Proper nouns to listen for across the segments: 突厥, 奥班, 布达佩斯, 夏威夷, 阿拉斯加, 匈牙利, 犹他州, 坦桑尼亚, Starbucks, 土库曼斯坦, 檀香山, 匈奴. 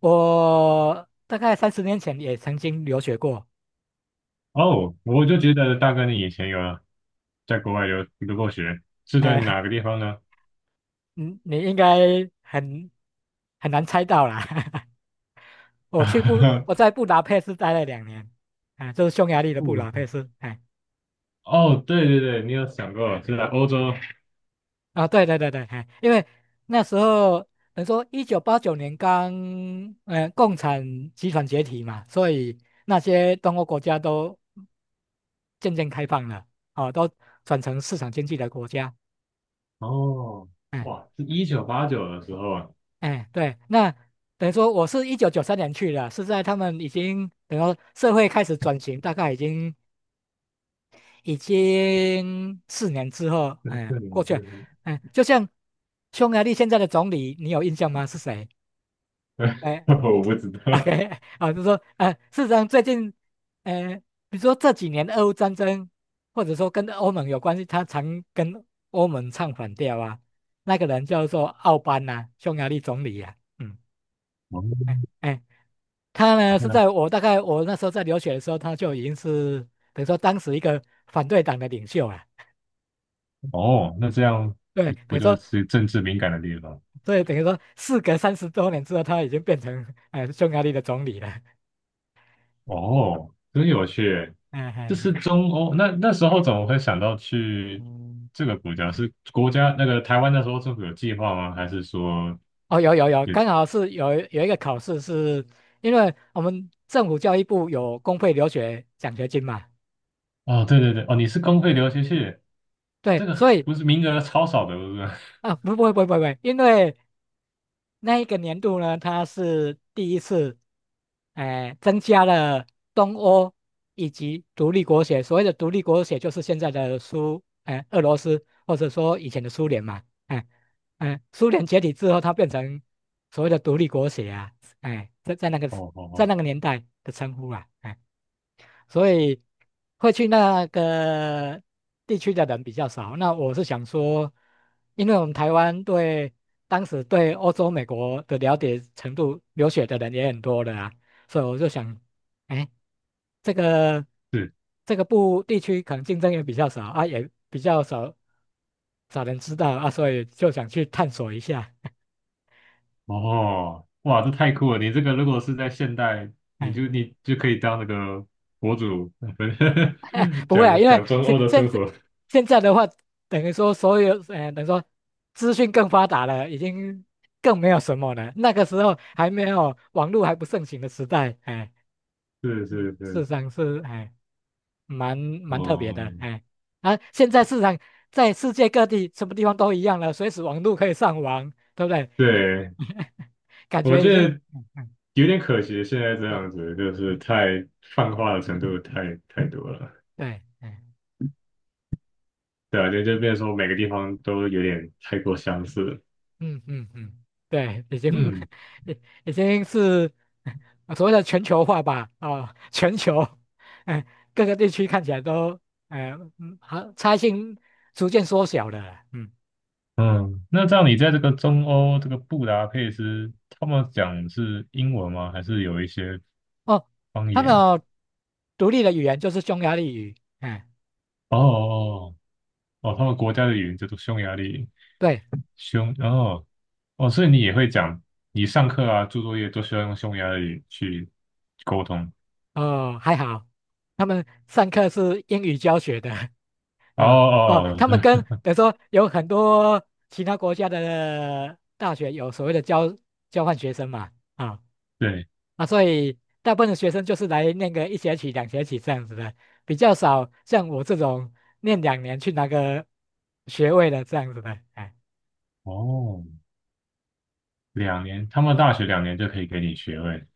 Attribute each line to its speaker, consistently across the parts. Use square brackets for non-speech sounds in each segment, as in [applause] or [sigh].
Speaker 1: 我大概30年前也曾经留学过，
Speaker 2: 哦，我就觉得大哥你以前有在国外留过学，是在
Speaker 1: 哎，
Speaker 2: 哪个地方呢？
Speaker 1: 你应该很很难猜到啦。[laughs] 我
Speaker 2: [laughs]
Speaker 1: 在布达佩斯待了两年，啊，就是匈牙利的布
Speaker 2: 不
Speaker 1: 达
Speaker 2: 是
Speaker 1: 佩斯，哎，
Speaker 2: 哦，对对对，你有想过是在欧洲？
Speaker 1: 啊，对对对对，哎，因为那时候等于说1989年刚，共产集团解体嘛，所以那些东欧国家都渐渐开放了，哦，都转成市场经济的国家。
Speaker 2: 哦，
Speaker 1: 哎
Speaker 2: 哇，是1989的时候啊。
Speaker 1: 哎，对，那等于说我是1993年去的，是在他们已经等于说社会开始转型，大概已经4年之后，
Speaker 2: [laughs] 对
Speaker 1: 哎，
Speaker 2: 对
Speaker 1: 过去了，
Speaker 2: 对。
Speaker 1: 哎，就像匈牙利现在的总理，你有印象吗？是谁？
Speaker 2: 对。 [laughs]
Speaker 1: 哎
Speaker 2: 我不知道。
Speaker 1: ，OK,[laughs] 啊，就是说，事实上最近，呃，比如说这几年俄乌战争，或者说跟欧盟有关系，他常跟欧盟唱反调啊，那个人叫做奥班呐、匈牙利总理呀、啊嗯。
Speaker 2: 哦，
Speaker 1: 哎，哎他呢是
Speaker 2: 那
Speaker 1: 在我大概我那时候在留学的时候，他就已经是等于说当时一个反对党的领袖啊。
Speaker 2: 这样
Speaker 1: 对，等
Speaker 2: 不
Speaker 1: 于
Speaker 2: 就
Speaker 1: 说，
Speaker 2: 是政治敏感的地方？
Speaker 1: 所以等于说，事隔30多年之后，他已经变成匈牙利的总理了。
Speaker 2: 哦，真有趣。
Speaker 1: 嗯
Speaker 2: 这是
Speaker 1: 嗯
Speaker 2: 中欧，那时候怎么会想到去
Speaker 1: 嗯，
Speaker 2: 这个国家？是国家那个台湾那时候政府有计划吗？还是说
Speaker 1: 哦，有有有，
Speaker 2: 也
Speaker 1: 刚好是有一个考试是，因为我们政府教育部有公费留学奖学金嘛，
Speaker 2: 哦，对对对。哦，你是公费留学去。
Speaker 1: 对，
Speaker 2: 这个
Speaker 1: 所以
Speaker 2: 不是名额超少的，不是？[laughs]
Speaker 1: 啊，不不不不不，因为那一个年度呢，它是第一次，哎、增加了东欧以及独立国协。所谓的独立国协，就是现在的苏，哎、俄罗斯或者说以前的苏联嘛，哎、哎、苏联解体之后，它变成所谓的独立国协啊，哎、在那个
Speaker 2: 哦哦
Speaker 1: 在
Speaker 2: 哦，
Speaker 1: 那个年代的称呼啊，哎所以会去那个地区的人比较少。那我是想说，因为我们台湾对当时对欧洲、美国的了解程度，留学的人也很多的啊，所以我就想，哎，这个
Speaker 2: 是。
Speaker 1: 这个部地区可能竞争也比较少啊，也比较少人知道啊，所以就想去探索一下。
Speaker 2: 哦，哇，这太酷了！你这个如果是在现代，你
Speaker 1: 哎
Speaker 2: 就你就可以当那个博主。
Speaker 1: [laughs] 哎，
Speaker 2: [laughs]
Speaker 1: 不会啊，
Speaker 2: 讲
Speaker 1: 因为
Speaker 2: 讲中欧的生活。
Speaker 1: 现在的话，等于说所有，等于说资讯更发达了，已经更没有什么了。那个时候还没有网络还不盛行的时代，哎，
Speaker 2: 是
Speaker 1: 嗯
Speaker 2: 是是，
Speaker 1: 市场是哎蛮特别
Speaker 2: 哦，
Speaker 1: 的，哎，啊，现在市场在世界各地什么地方都一样了，随时网络可以上网，对不对？
Speaker 2: 对，
Speaker 1: [laughs] 感
Speaker 2: 我
Speaker 1: 觉已
Speaker 2: 觉
Speaker 1: 经，
Speaker 2: 得。
Speaker 1: 嗯嗯，
Speaker 2: 有点可惜，现在这
Speaker 1: 是，
Speaker 2: 样子就是太泛化的程度太多了。
Speaker 1: 对。哎
Speaker 2: 对啊，就变成说每个地方都有点太过相似了。
Speaker 1: 嗯嗯嗯，对，已经
Speaker 2: 嗯
Speaker 1: [laughs] 已已经是所谓的全球化吧，啊、全球，哎、各个地区看起来都，哎、嗯，好，差异性逐渐缩小了，嗯，
Speaker 2: 嗯，那这样你在这个中欧这个布达佩斯，他们讲是英文吗？还是有一些
Speaker 1: 哦，
Speaker 2: 方
Speaker 1: 他们
Speaker 2: 言？
Speaker 1: 有独立的语言就是匈牙利语，哎、
Speaker 2: 哦哦哦。他们国家的语言叫做匈牙利。
Speaker 1: 对，
Speaker 2: 哦哦，所以你也会讲，你上课啊、做作业都需要用匈牙利去沟通。
Speaker 1: 哦，还好，他们上课是英语教学的，
Speaker 2: 哦
Speaker 1: 啊、哦，
Speaker 2: 哦，
Speaker 1: 他们跟
Speaker 2: 哦。 [laughs]
Speaker 1: 比如说有很多其他国家的大学有所谓的交换学生嘛。啊、
Speaker 2: 对。
Speaker 1: 啊，所以大部分的学生就是来念个一学期、2学期这样子的，比较少像我这种念两年去拿个学位的这样子的，哎，
Speaker 2: 哦，两年，他们大学两年就可以给你学位。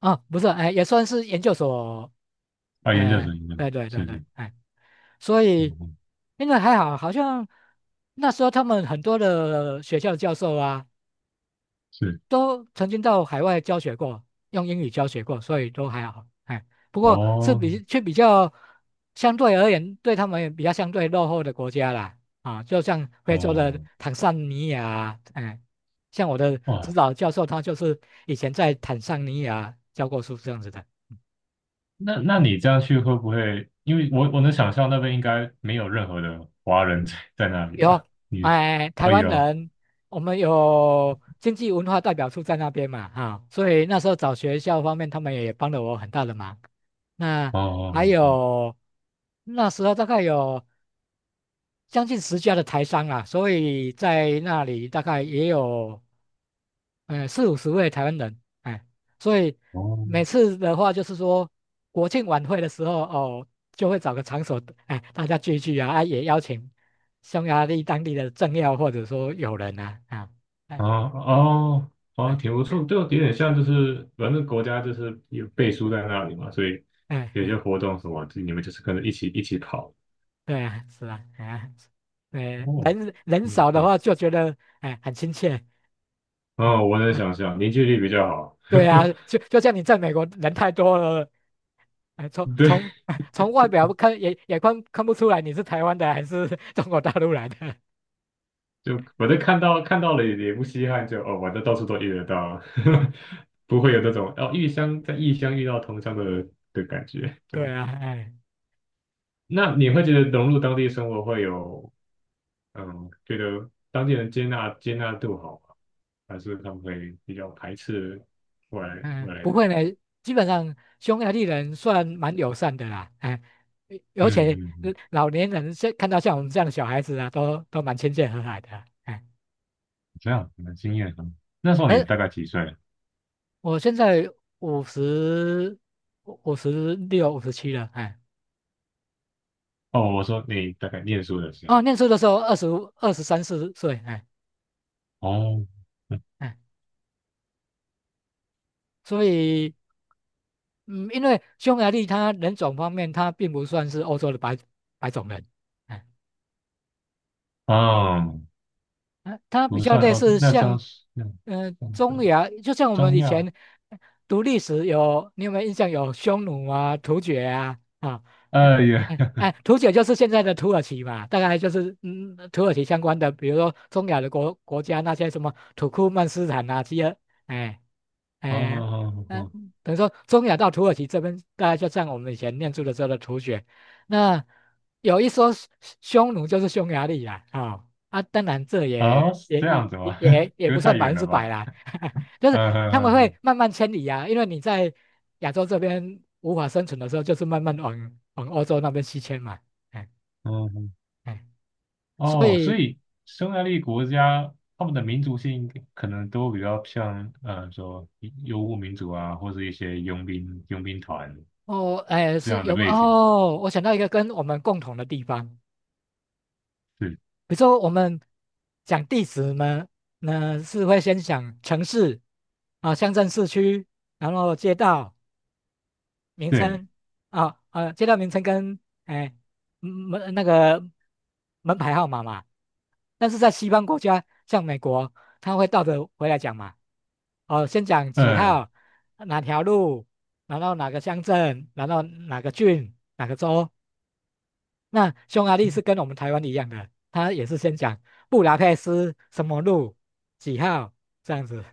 Speaker 1: 哦，不是，哎，也算是研究所，
Speaker 2: 啊，研究
Speaker 1: 哎，
Speaker 2: 生，研究
Speaker 1: 对对对
Speaker 2: 生是，
Speaker 1: 对，
Speaker 2: 是
Speaker 1: 哎，所
Speaker 2: 嗯
Speaker 1: 以
Speaker 2: 嗯，
Speaker 1: 因为还好，好像那时候他们很多的学校教授啊，
Speaker 2: 是。
Speaker 1: 都曾经到海外教学过，用英语教学过，所以都还好。哎，不过是
Speaker 2: 哦，
Speaker 1: 比较相对而言，对他们也比较相对落后的国家啦。啊，就像非洲的
Speaker 2: 哦，
Speaker 1: 坦桑尼亚啊哎，像我的指
Speaker 2: 哇，
Speaker 1: 导教授他就是以前在坦桑尼亚教过书这样子的。
Speaker 2: 那你这样去会不会？因为我能想象那边应该没有任何的华人在那里
Speaker 1: 有，
Speaker 2: 吧？你，
Speaker 1: 哎，台
Speaker 2: 哦
Speaker 1: 湾
Speaker 2: 有啊，
Speaker 1: 人，我们有经济文化代表处在那边嘛，哈、所以那时候找学校方面，他们也帮了我很大的忙。那还
Speaker 2: 哦
Speaker 1: 有那时候大概有将近10家的台商啊，所以在那里大概也有。呃，40-50位台湾人，哎，所以
Speaker 2: 哦哦
Speaker 1: 每次的话就是说，国庆晚会的时候，哦，就会找个场所，哎，大家聚一聚啊，啊，也邀请匈牙利当地的政要或者说友人啊，啊，
Speaker 2: 哦
Speaker 1: 哎，
Speaker 2: 哦。哦
Speaker 1: 哎，
Speaker 2: 挺不错，就有点像就是反正国家就是有背书在那里嘛，所以
Speaker 1: 哎，
Speaker 2: 有些
Speaker 1: 哎，
Speaker 2: 活动什么，你们就是跟着一起跑。
Speaker 1: 对啊，是啊，哎呀，对，
Speaker 2: 哦，
Speaker 1: 人人
Speaker 2: 嗯，
Speaker 1: 少的话就觉得，哎，很亲切。啊
Speaker 2: 哦，我能
Speaker 1: 啊，
Speaker 2: 想象凝聚力比较好。
Speaker 1: 对啊，
Speaker 2: [laughs]
Speaker 1: 就像你在美国人太多了，哎，
Speaker 2: 对，
Speaker 1: [laughs] 从外表看也看不出来你是台湾的还是 [laughs] 中国大陆来的。
Speaker 2: 就我都看到了也不稀罕就，哦，我这到处都遇得到。[laughs] 不会有那种哦异乡在异乡遇到同乡的感觉。
Speaker 1: 对
Speaker 2: 就
Speaker 1: 啊，哎，
Speaker 2: 那你会觉得融入当地生活会有觉得当地人接纳度好吗？还是他们会比较排斥外来外
Speaker 1: 嗯，
Speaker 2: 来
Speaker 1: 不
Speaker 2: 的
Speaker 1: 会
Speaker 2: 人？
Speaker 1: 呢，基本上匈牙利人算蛮友善的啦，哎，而
Speaker 2: 嗯
Speaker 1: 且
Speaker 2: 嗯
Speaker 1: 呃
Speaker 2: 嗯，
Speaker 1: 老年人现看到像我们这样的小孩子啊，都蛮亲切和蔼的。哎，
Speaker 2: 这样很惊艳啊！那时候你大
Speaker 1: 而
Speaker 2: 概几岁？
Speaker 1: 我现在五十5657了，哎，
Speaker 2: 哦，我说你大概念书的时
Speaker 1: 哦，
Speaker 2: 候。
Speaker 1: 念书的时候23、24岁，哎
Speaker 2: 哦。
Speaker 1: 哎，所以。嗯，因为匈牙利它人种方面，它并不算是欧洲的白种人，哎
Speaker 2: 嗯，
Speaker 1: 呃它比
Speaker 2: 不
Speaker 1: 较
Speaker 2: 算
Speaker 1: 类
Speaker 2: 哦，
Speaker 1: 似
Speaker 2: 那
Speaker 1: 像，
Speaker 2: 张是那
Speaker 1: 呃，
Speaker 2: 张
Speaker 1: 中
Speaker 2: 的
Speaker 1: 亚，就像我们
Speaker 2: 中
Speaker 1: 以
Speaker 2: 药。
Speaker 1: 前读历史有，你有没有印象有匈奴啊、突厥啊啊？哎
Speaker 2: 哎呀。
Speaker 1: 哎哎，突厥就是现在的土耳其嘛，大概就是嗯土耳其相关的，比如说中亚的国家那些什么土库曼斯坦啊，这些，哎
Speaker 2: [laughs] 哦
Speaker 1: 哎
Speaker 2: 哦
Speaker 1: 嗯，呃
Speaker 2: 哦
Speaker 1: 等于说中亚到土耳其这边，大概就像我们以前念书的时候的突厥，那有一说匈奴就是匈牙利啦，啊、啊，当然这
Speaker 2: 哦，
Speaker 1: 也
Speaker 2: 哦，是
Speaker 1: 也
Speaker 2: 这
Speaker 1: 也
Speaker 2: 样子
Speaker 1: 也
Speaker 2: 吗？[laughs]
Speaker 1: 也也
Speaker 2: 隔
Speaker 1: 不算
Speaker 2: 太
Speaker 1: 百
Speaker 2: 远
Speaker 1: 分
Speaker 2: 了
Speaker 1: 之百
Speaker 2: 吧？
Speaker 1: 啦，[laughs] 就是
Speaker 2: 嗯
Speaker 1: 他们
Speaker 2: 嗯
Speaker 1: 会
Speaker 2: 嗯
Speaker 1: 慢慢迁移啊，因为你在亚洲这边无法生存的时候，就是慢慢往欧洲那边西迁嘛，哎
Speaker 2: 嗯，嗯。
Speaker 1: 哎，所
Speaker 2: 哦，所
Speaker 1: 以
Speaker 2: 以匈牙利国家他们的
Speaker 1: 嗯
Speaker 2: 民族性可能都比较像，说游牧民族啊，或者一些佣兵团
Speaker 1: 哦哎
Speaker 2: 这
Speaker 1: 是
Speaker 2: 样的
Speaker 1: 有
Speaker 2: 背景。
Speaker 1: 哦，我想到一个跟我们共同的地方，
Speaker 2: 对。
Speaker 1: 比如说我们讲地址呢，那是会先想城市啊、乡镇、市区，然后街道。名
Speaker 2: 对，
Speaker 1: 称啊啊，街道名称跟哎门那个门牌号码嘛，但是在西方国家，像美国，他会倒着回来讲嘛。哦，先讲几
Speaker 2: 嗯，
Speaker 1: 号，哪条路，然后哪个乡镇，然后哪个郡，哪个州。那匈牙利是跟我们台湾一样的，他也是先讲布达佩斯什么路几号这样子。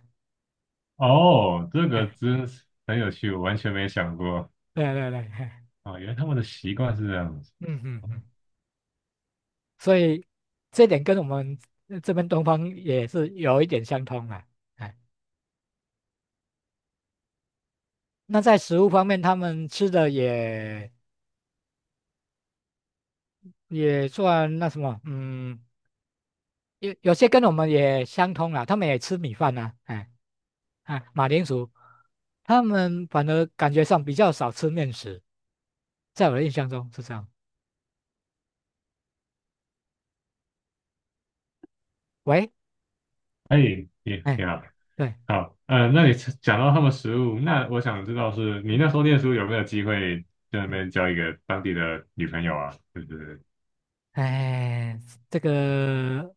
Speaker 2: 哦，这个
Speaker 1: 哎，
Speaker 2: 真是很有趣，我完全没想过。
Speaker 1: 对对对，嘿
Speaker 2: 啊，原来他们的习惯是这样子。
Speaker 1: 嗯嗯嗯。所以这点跟我们这边东方也是有一点相通啦。哎，那在食物方面，他们吃的也也算那什么，嗯，有有些跟我们也相通啦，他们也吃米饭呐、哎，啊，马铃薯，他们反而感觉上比较少吃面食，在我的印象中是这样。喂，
Speaker 2: 哎，也你
Speaker 1: 哎，
Speaker 2: 好。
Speaker 1: 对，
Speaker 2: 好，嗯，那你讲到他们食物，那我想知道是你那时
Speaker 1: 嗯
Speaker 2: 候念书有没有机会在那
Speaker 1: 嗯。
Speaker 2: 边交一个当地的女朋友啊？就是，
Speaker 1: 哎，这个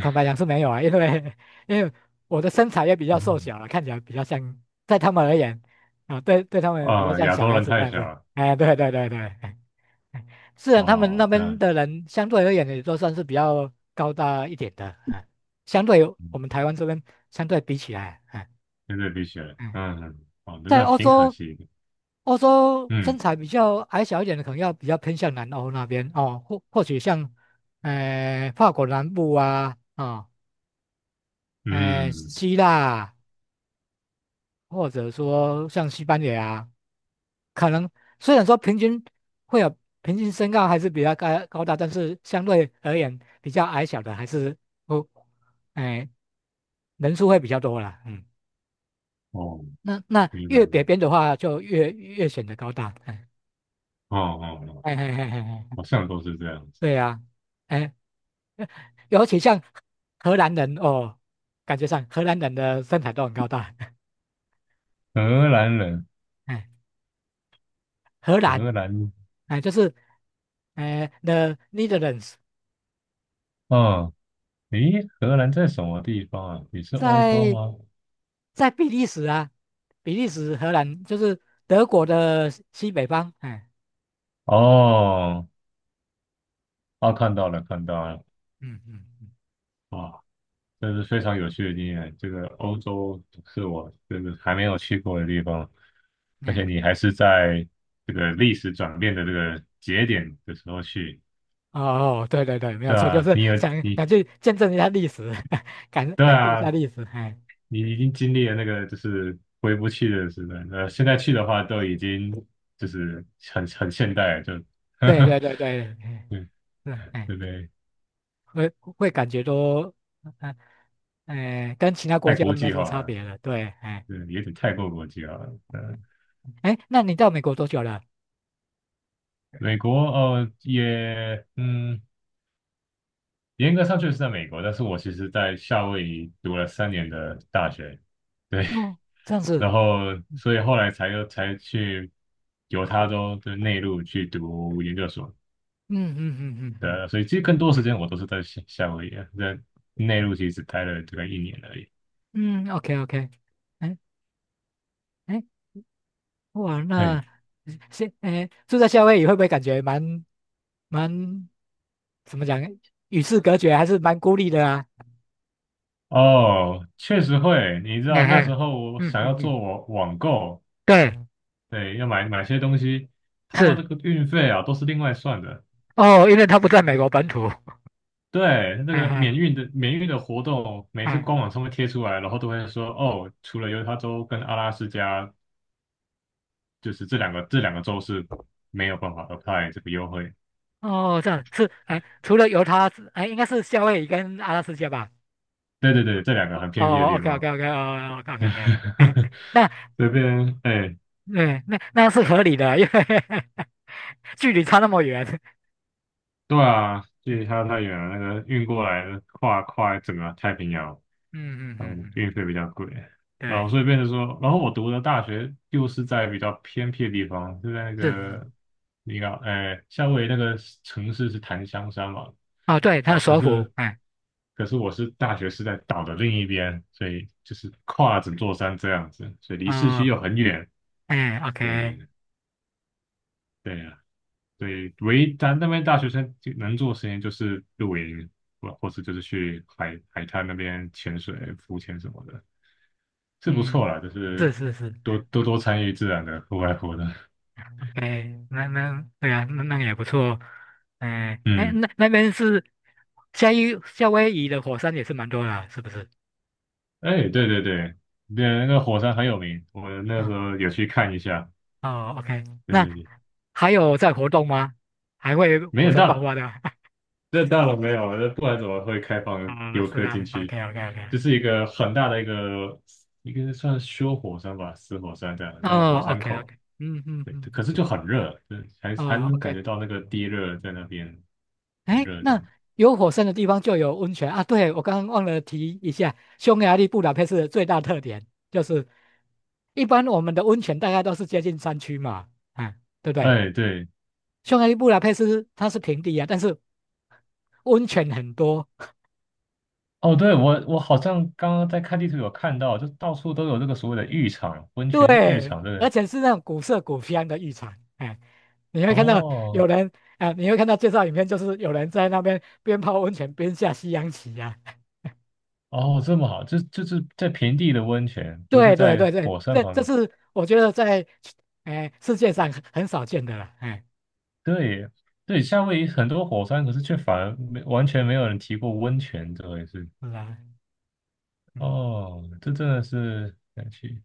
Speaker 1: 坦白讲是没有啊，因为因为我的身材也比较瘦
Speaker 2: 嗯。
Speaker 1: 小了，看起来比较像，在他们而言啊，对对他
Speaker 2: 哦，
Speaker 1: 们比较
Speaker 2: 啊，
Speaker 1: 像
Speaker 2: 亚
Speaker 1: 小
Speaker 2: 洲
Speaker 1: 孩
Speaker 2: 人
Speaker 1: 子这
Speaker 2: 太
Speaker 1: 样
Speaker 2: 小，
Speaker 1: 子。
Speaker 2: 了。
Speaker 1: 哎，对对对对，[laughs] 哎哎虽然他们
Speaker 2: 哦，
Speaker 1: 那
Speaker 2: 这
Speaker 1: 边
Speaker 2: 样。
Speaker 1: 的人相对而言也都算是比较高大一点的，啊，相对我
Speaker 2: 嗯，
Speaker 1: 们台湾这边相对比起来啊，哎
Speaker 2: 真的必须。
Speaker 1: 嗯
Speaker 2: 嗯，哦，那这
Speaker 1: 在
Speaker 2: 样
Speaker 1: 欧
Speaker 2: 挺可
Speaker 1: 洲，
Speaker 2: 惜的。
Speaker 1: 欧洲
Speaker 2: 嗯
Speaker 1: 身材比较矮小一点的，可能要比较偏向南欧那边哦，或或许像，呃，法国南部啊，啊、呃，
Speaker 2: 嗯，
Speaker 1: 希腊啊或者说像西班牙啊可能虽然说平均会有平均身高还是比较高大，但是相对而言比较矮小的还是不，哎、人数会比较多啦，嗯，
Speaker 2: 哦，
Speaker 1: 那那
Speaker 2: 明白。
Speaker 1: 越北边的话就越显得高大，哎
Speaker 2: 哦哦哦，
Speaker 1: 哎哎哎哎。嘿嘿嘿嘿
Speaker 2: 好像都是这样子。
Speaker 1: 对呀、哎，尤其像荷兰人哦，感觉上荷兰人的身材都很高大，[laughs]
Speaker 2: 荷兰人。
Speaker 1: 哎，荷兰，
Speaker 2: 荷兰。
Speaker 1: 哎，就是，哎，The Netherlands,
Speaker 2: 哦，诶，荷兰在什么地方啊？也是欧洲
Speaker 1: 在
Speaker 2: 吗？
Speaker 1: 在比利时啊，比利时、荷兰就是德国的西北方，哎，
Speaker 2: 哦。啊，看到了，看到了。
Speaker 1: 嗯嗯
Speaker 2: 啊，这是非常有趣的经验。这个欧洲是我这个还没有去过的地方，
Speaker 1: 嗯，
Speaker 2: 而且
Speaker 1: 哎，
Speaker 2: 你还是在这个历史转变的这个节点的时候去。
Speaker 1: 哦，对对对，没有
Speaker 2: 对
Speaker 1: 错，就
Speaker 2: 啊，
Speaker 1: 是
Speaker 2: 你有
Speaker 1: 想
Speaker 2: 你，
Speaker 1: 想去见证一下历史，[laughs] 感
Speaker 2: 对
Speaker 1: 感受一下
Speaker 2: 啊，
Speaker 1: 历史，哎，
Speaker 2: 你已经经历了那个就是回不去的时代，那现在
Speaker 1: 嗯
Speaker 2: 去的话都已经就是很现代了就。[laughs] 呵
Speaker 1: 对
Speaker 2: 呵。
Speaker 1: 对对对，哎，
Speaker 2: 对。
Speaker 1: 是，哎。
Speaker 2: 对不对？
Speaker 1: 会会感觉都，哎、哎，跟其他国
Speaker 2: 太
Speaker 1: 家
Speaker 2: 国
Speaker 1: 没
Speaker 2: 际
Speaker 1: 什么
Speaker 2: 化
Speaker 1: 差
Speaker 2: 了。
Speaker 1: 别了。对，哎
Speaker 2: 对，有点太过国际化了。
Speaker 1: 哎，那你到美国多久了？
Speaker 2: 美国，严格上确实在美国，但是我其实在夏威夷读了3年的大学。对。
Speaker 1: 哦，这样
Speaker 2: [laughs]
Speaker 1: 子，
Speaker 2: 然后
Speaker 1: 嗯
Speaker 2: 所以后来才去犹他州的内陆去读研究所。
Speaker 1: 嗯嗯嗯
Speaker 2: 对，所以其实更多时间我都是在夏威夷啊，在内陆其实只待了大概一年而已。
Speaker 1: 嗯嗯，OK OK,哎哎，哇，
Speaker 2: 嘿，
Speaker 1: 那是哎住在夏威夷会不会感觉蛮蛮怎么讲，与世隔绝，还是蛮孤立的啊？
Speaker 2: 哦，确实会，你知
Speaker 1: 哎
Speaker 2: 道那
Speaker 1: 哎，
Speaker 2: 时候我
Speaker 1: 嗯
Speaker 2: 想要
Speaker 1: 嗯嗯，
Speaker 2: 做网购，
Speaker 1: 对，
Speaker 2: 对，要买些东西，他们这
Speaker 1: 是
Speaker 2: 个运费啊都是另外算的。
Speaker 1: 哦，因为他不在美国本土。[laughs]
Speaker 2: 对，那
Speaker 1: 哎
Speaker 2: 个免
Speaker 1: 哎
Speaker 2: 运的免运的活动，每次官
Speaker 1: 嗯。
Speaker 2: 网上面贴出来，然后都会说哦，除了犹他州跟阿拉斯加，就是这两个州是没有办法 apply 这个优惠。
Speaker 1: 哦，这样是哎，除了犹他之哎，应该是夏威夷跟阿拉斯加吧？
Speaker 2: 对对对，这两个很偏僻的
Speaker 1: 哦
Speaker 2: 地
Speaker 1: ，OK OK
Speaker 2: 方。
Speaker 1: OK 哦，OK OK OK,哎，
Speaker 2: [laughs]
Speaker 1: 那
Speaker 2: 这边哎。
Speaker 1: 对，那那是合理的，因为 [laughs] 距离差那么远。
Speaker 2: 对啊，距离
Speaker 1: 嗯
Speaker 2: 它太远了，那个运过来的跨整个太平洋。
Speaker 1: 嗯嗯嗯
Speaker 2: 嗯，运
Speaker 1: 嗯，
Speaker 2: 费比较贵，然后所
Speaker 1: 对，
Speaker 2: 以变成说，然后我读的大学又是在比较偏僻的地方，就在那
Speaker 1: 是
Speaker 2: 个，你看，哎，夏威夷那个城市是檀香山嘛。
Speaker 1: 哦，对，他
Speaker 2: 啊，
Speaker 1: 的
Speaker 2: 可
Speaker 1: 首府，
Speaker 2: 是，
Speaker 1: 哎，
Speaker 2: 可是我是大学是在岛的另一边，所以就是跨整座山这样子，所以离市区
Speaker 1: 哦，
Speaker 2: 又很远。
Speaker 1: 哎，OK,
Speaker 2: 对。对呀。对，唯一咱那边大学生就能做的事情就是露营，或是就是去海滩那边潜水、浮潜什么的，是不错
Speaker 1: 嗯，
Speaker 2: 啦，就
Speaker 1: 是
Speaker 2: 是
Speaker 1: 是是
Speaker 2: 多
Speaker 1: 哎
Speaker 2: 多多参与自然的户外活动。
Speaker 1: ，OK,那那对啊，那那个也不错，哎哎，
Speaker 2: 嗯，
Speaker 1: 那那边是威夏威夷的火山也是蛮多的啊是不是？
Speaker 2: 哎，对对对。对，那个火山很有名，我那时候有去看一下。
Speaker 1: 哦，OK,嗯
Speaker 2: 对
Speaker 1: 那
Speaker 2: 对对，
Speaker 1: 还有在活动吗？还会
Speaker 2: 没
Speaker 1: 火
Speaker 2: 想
Speaker 1: 山爆
Speaker 2: 到
Speaker 1: 发的？[laughs]
Speaker 2: 那大楼没有，那不然怎么会开放
Speaker 1: 啊、
Speaker 2: 游
Speaker 1: 是
Speaker 2: 客进
Speaker 1: 啊
Speaker 2: 去？就
Speaker 1: ，OK，OK，OK，
Speaker 2: 是一个很大的一个算修火山吧，死火山这样很
Speaker 1: 嗯
Speaker 2: 大的火
Speaker 1: 哦
Speaker 2: 山口。
Speaker 1: ，OK，OK，嗯嗯
Speaker 2: 对，
Speaker 1: 嗯
Speaker 2: 可
Speaker 1: 嗯，
Speaker 2: 是就很热，对，还
Speaker 1: 哦
Speaker 2: 能感
Speaker 1: ，OK,
Speaker 2: 觉到那个地热在那边很
Speaker 1: 哎，
Speaker 2: 热这
Speaker 1: 那
Speaker 2: 样。
Speaker 1: 有火山的地方就有温泉啊。对，我刚刚忘了提一下，匈牙利布达佩斯的最大特点就是，一般我们的温泉大概都是接近山区嘛，啊，对不对？
Speaker 2: 哎，对。
Speaker 1: 匈牙利布达佩斯它是平地啊，但是温泉很多。
Speaker 2: 哦，对，我好像刚刚在看地图有看到，就到处都有这个所谓的浴场、温泉浴
Speaker 1: 对，
Speaker 2: 场，对不
Speaker 1: 而
Speaker 2: 对？
Speaker 1: 且是那种古色古香的浴场，哎，你会看到
Speaker 2: 哦
Speaker 1: 有人啊，你会看到介绍影片，就是有人在那边边泡温泉边下西洋棋呀、啊。
Speaker 2: 哦这么好，就是在平地的温泉，
Speaker 1: [laughs]
Speaker 2: 不是
Speaker 1: 对对对
Speaker 2: 在
Speaker 1: 对，
Speaker 2: 火山
Speaker 1: 这
Speaker 2: 旁
Speaker 1: 这
Speaker 2: 边。
Speaker 1: 是我觉得在哎世界上很少见的了，哎，
Speaker 2: 对对，夏威夷很多火山，可是却反而没完全没有人提过温泉这回事。
Speaker 1: 是啊，嗯，
Speaker 2: 哦，这真的是想去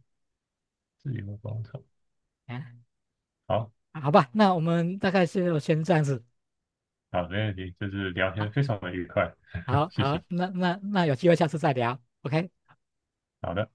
Speaker 2: 自由广场。
Speaker 1: 哎，
Speaker 2: 好
Speaker 1: 好吧，那我们大概是先这样子
Speaker 2: 好，没问题，就是聊
Speaker 1: 啊，
Speaker 2: 天非常的愉快。[laughs]
Speaker 1: 好
Speaker 2: 谢
Speaker 1: 好，
Speaker 2: 谢。
Speaker 1: 那那那有机会下次再聊，OK。
Speaker 2: 好的。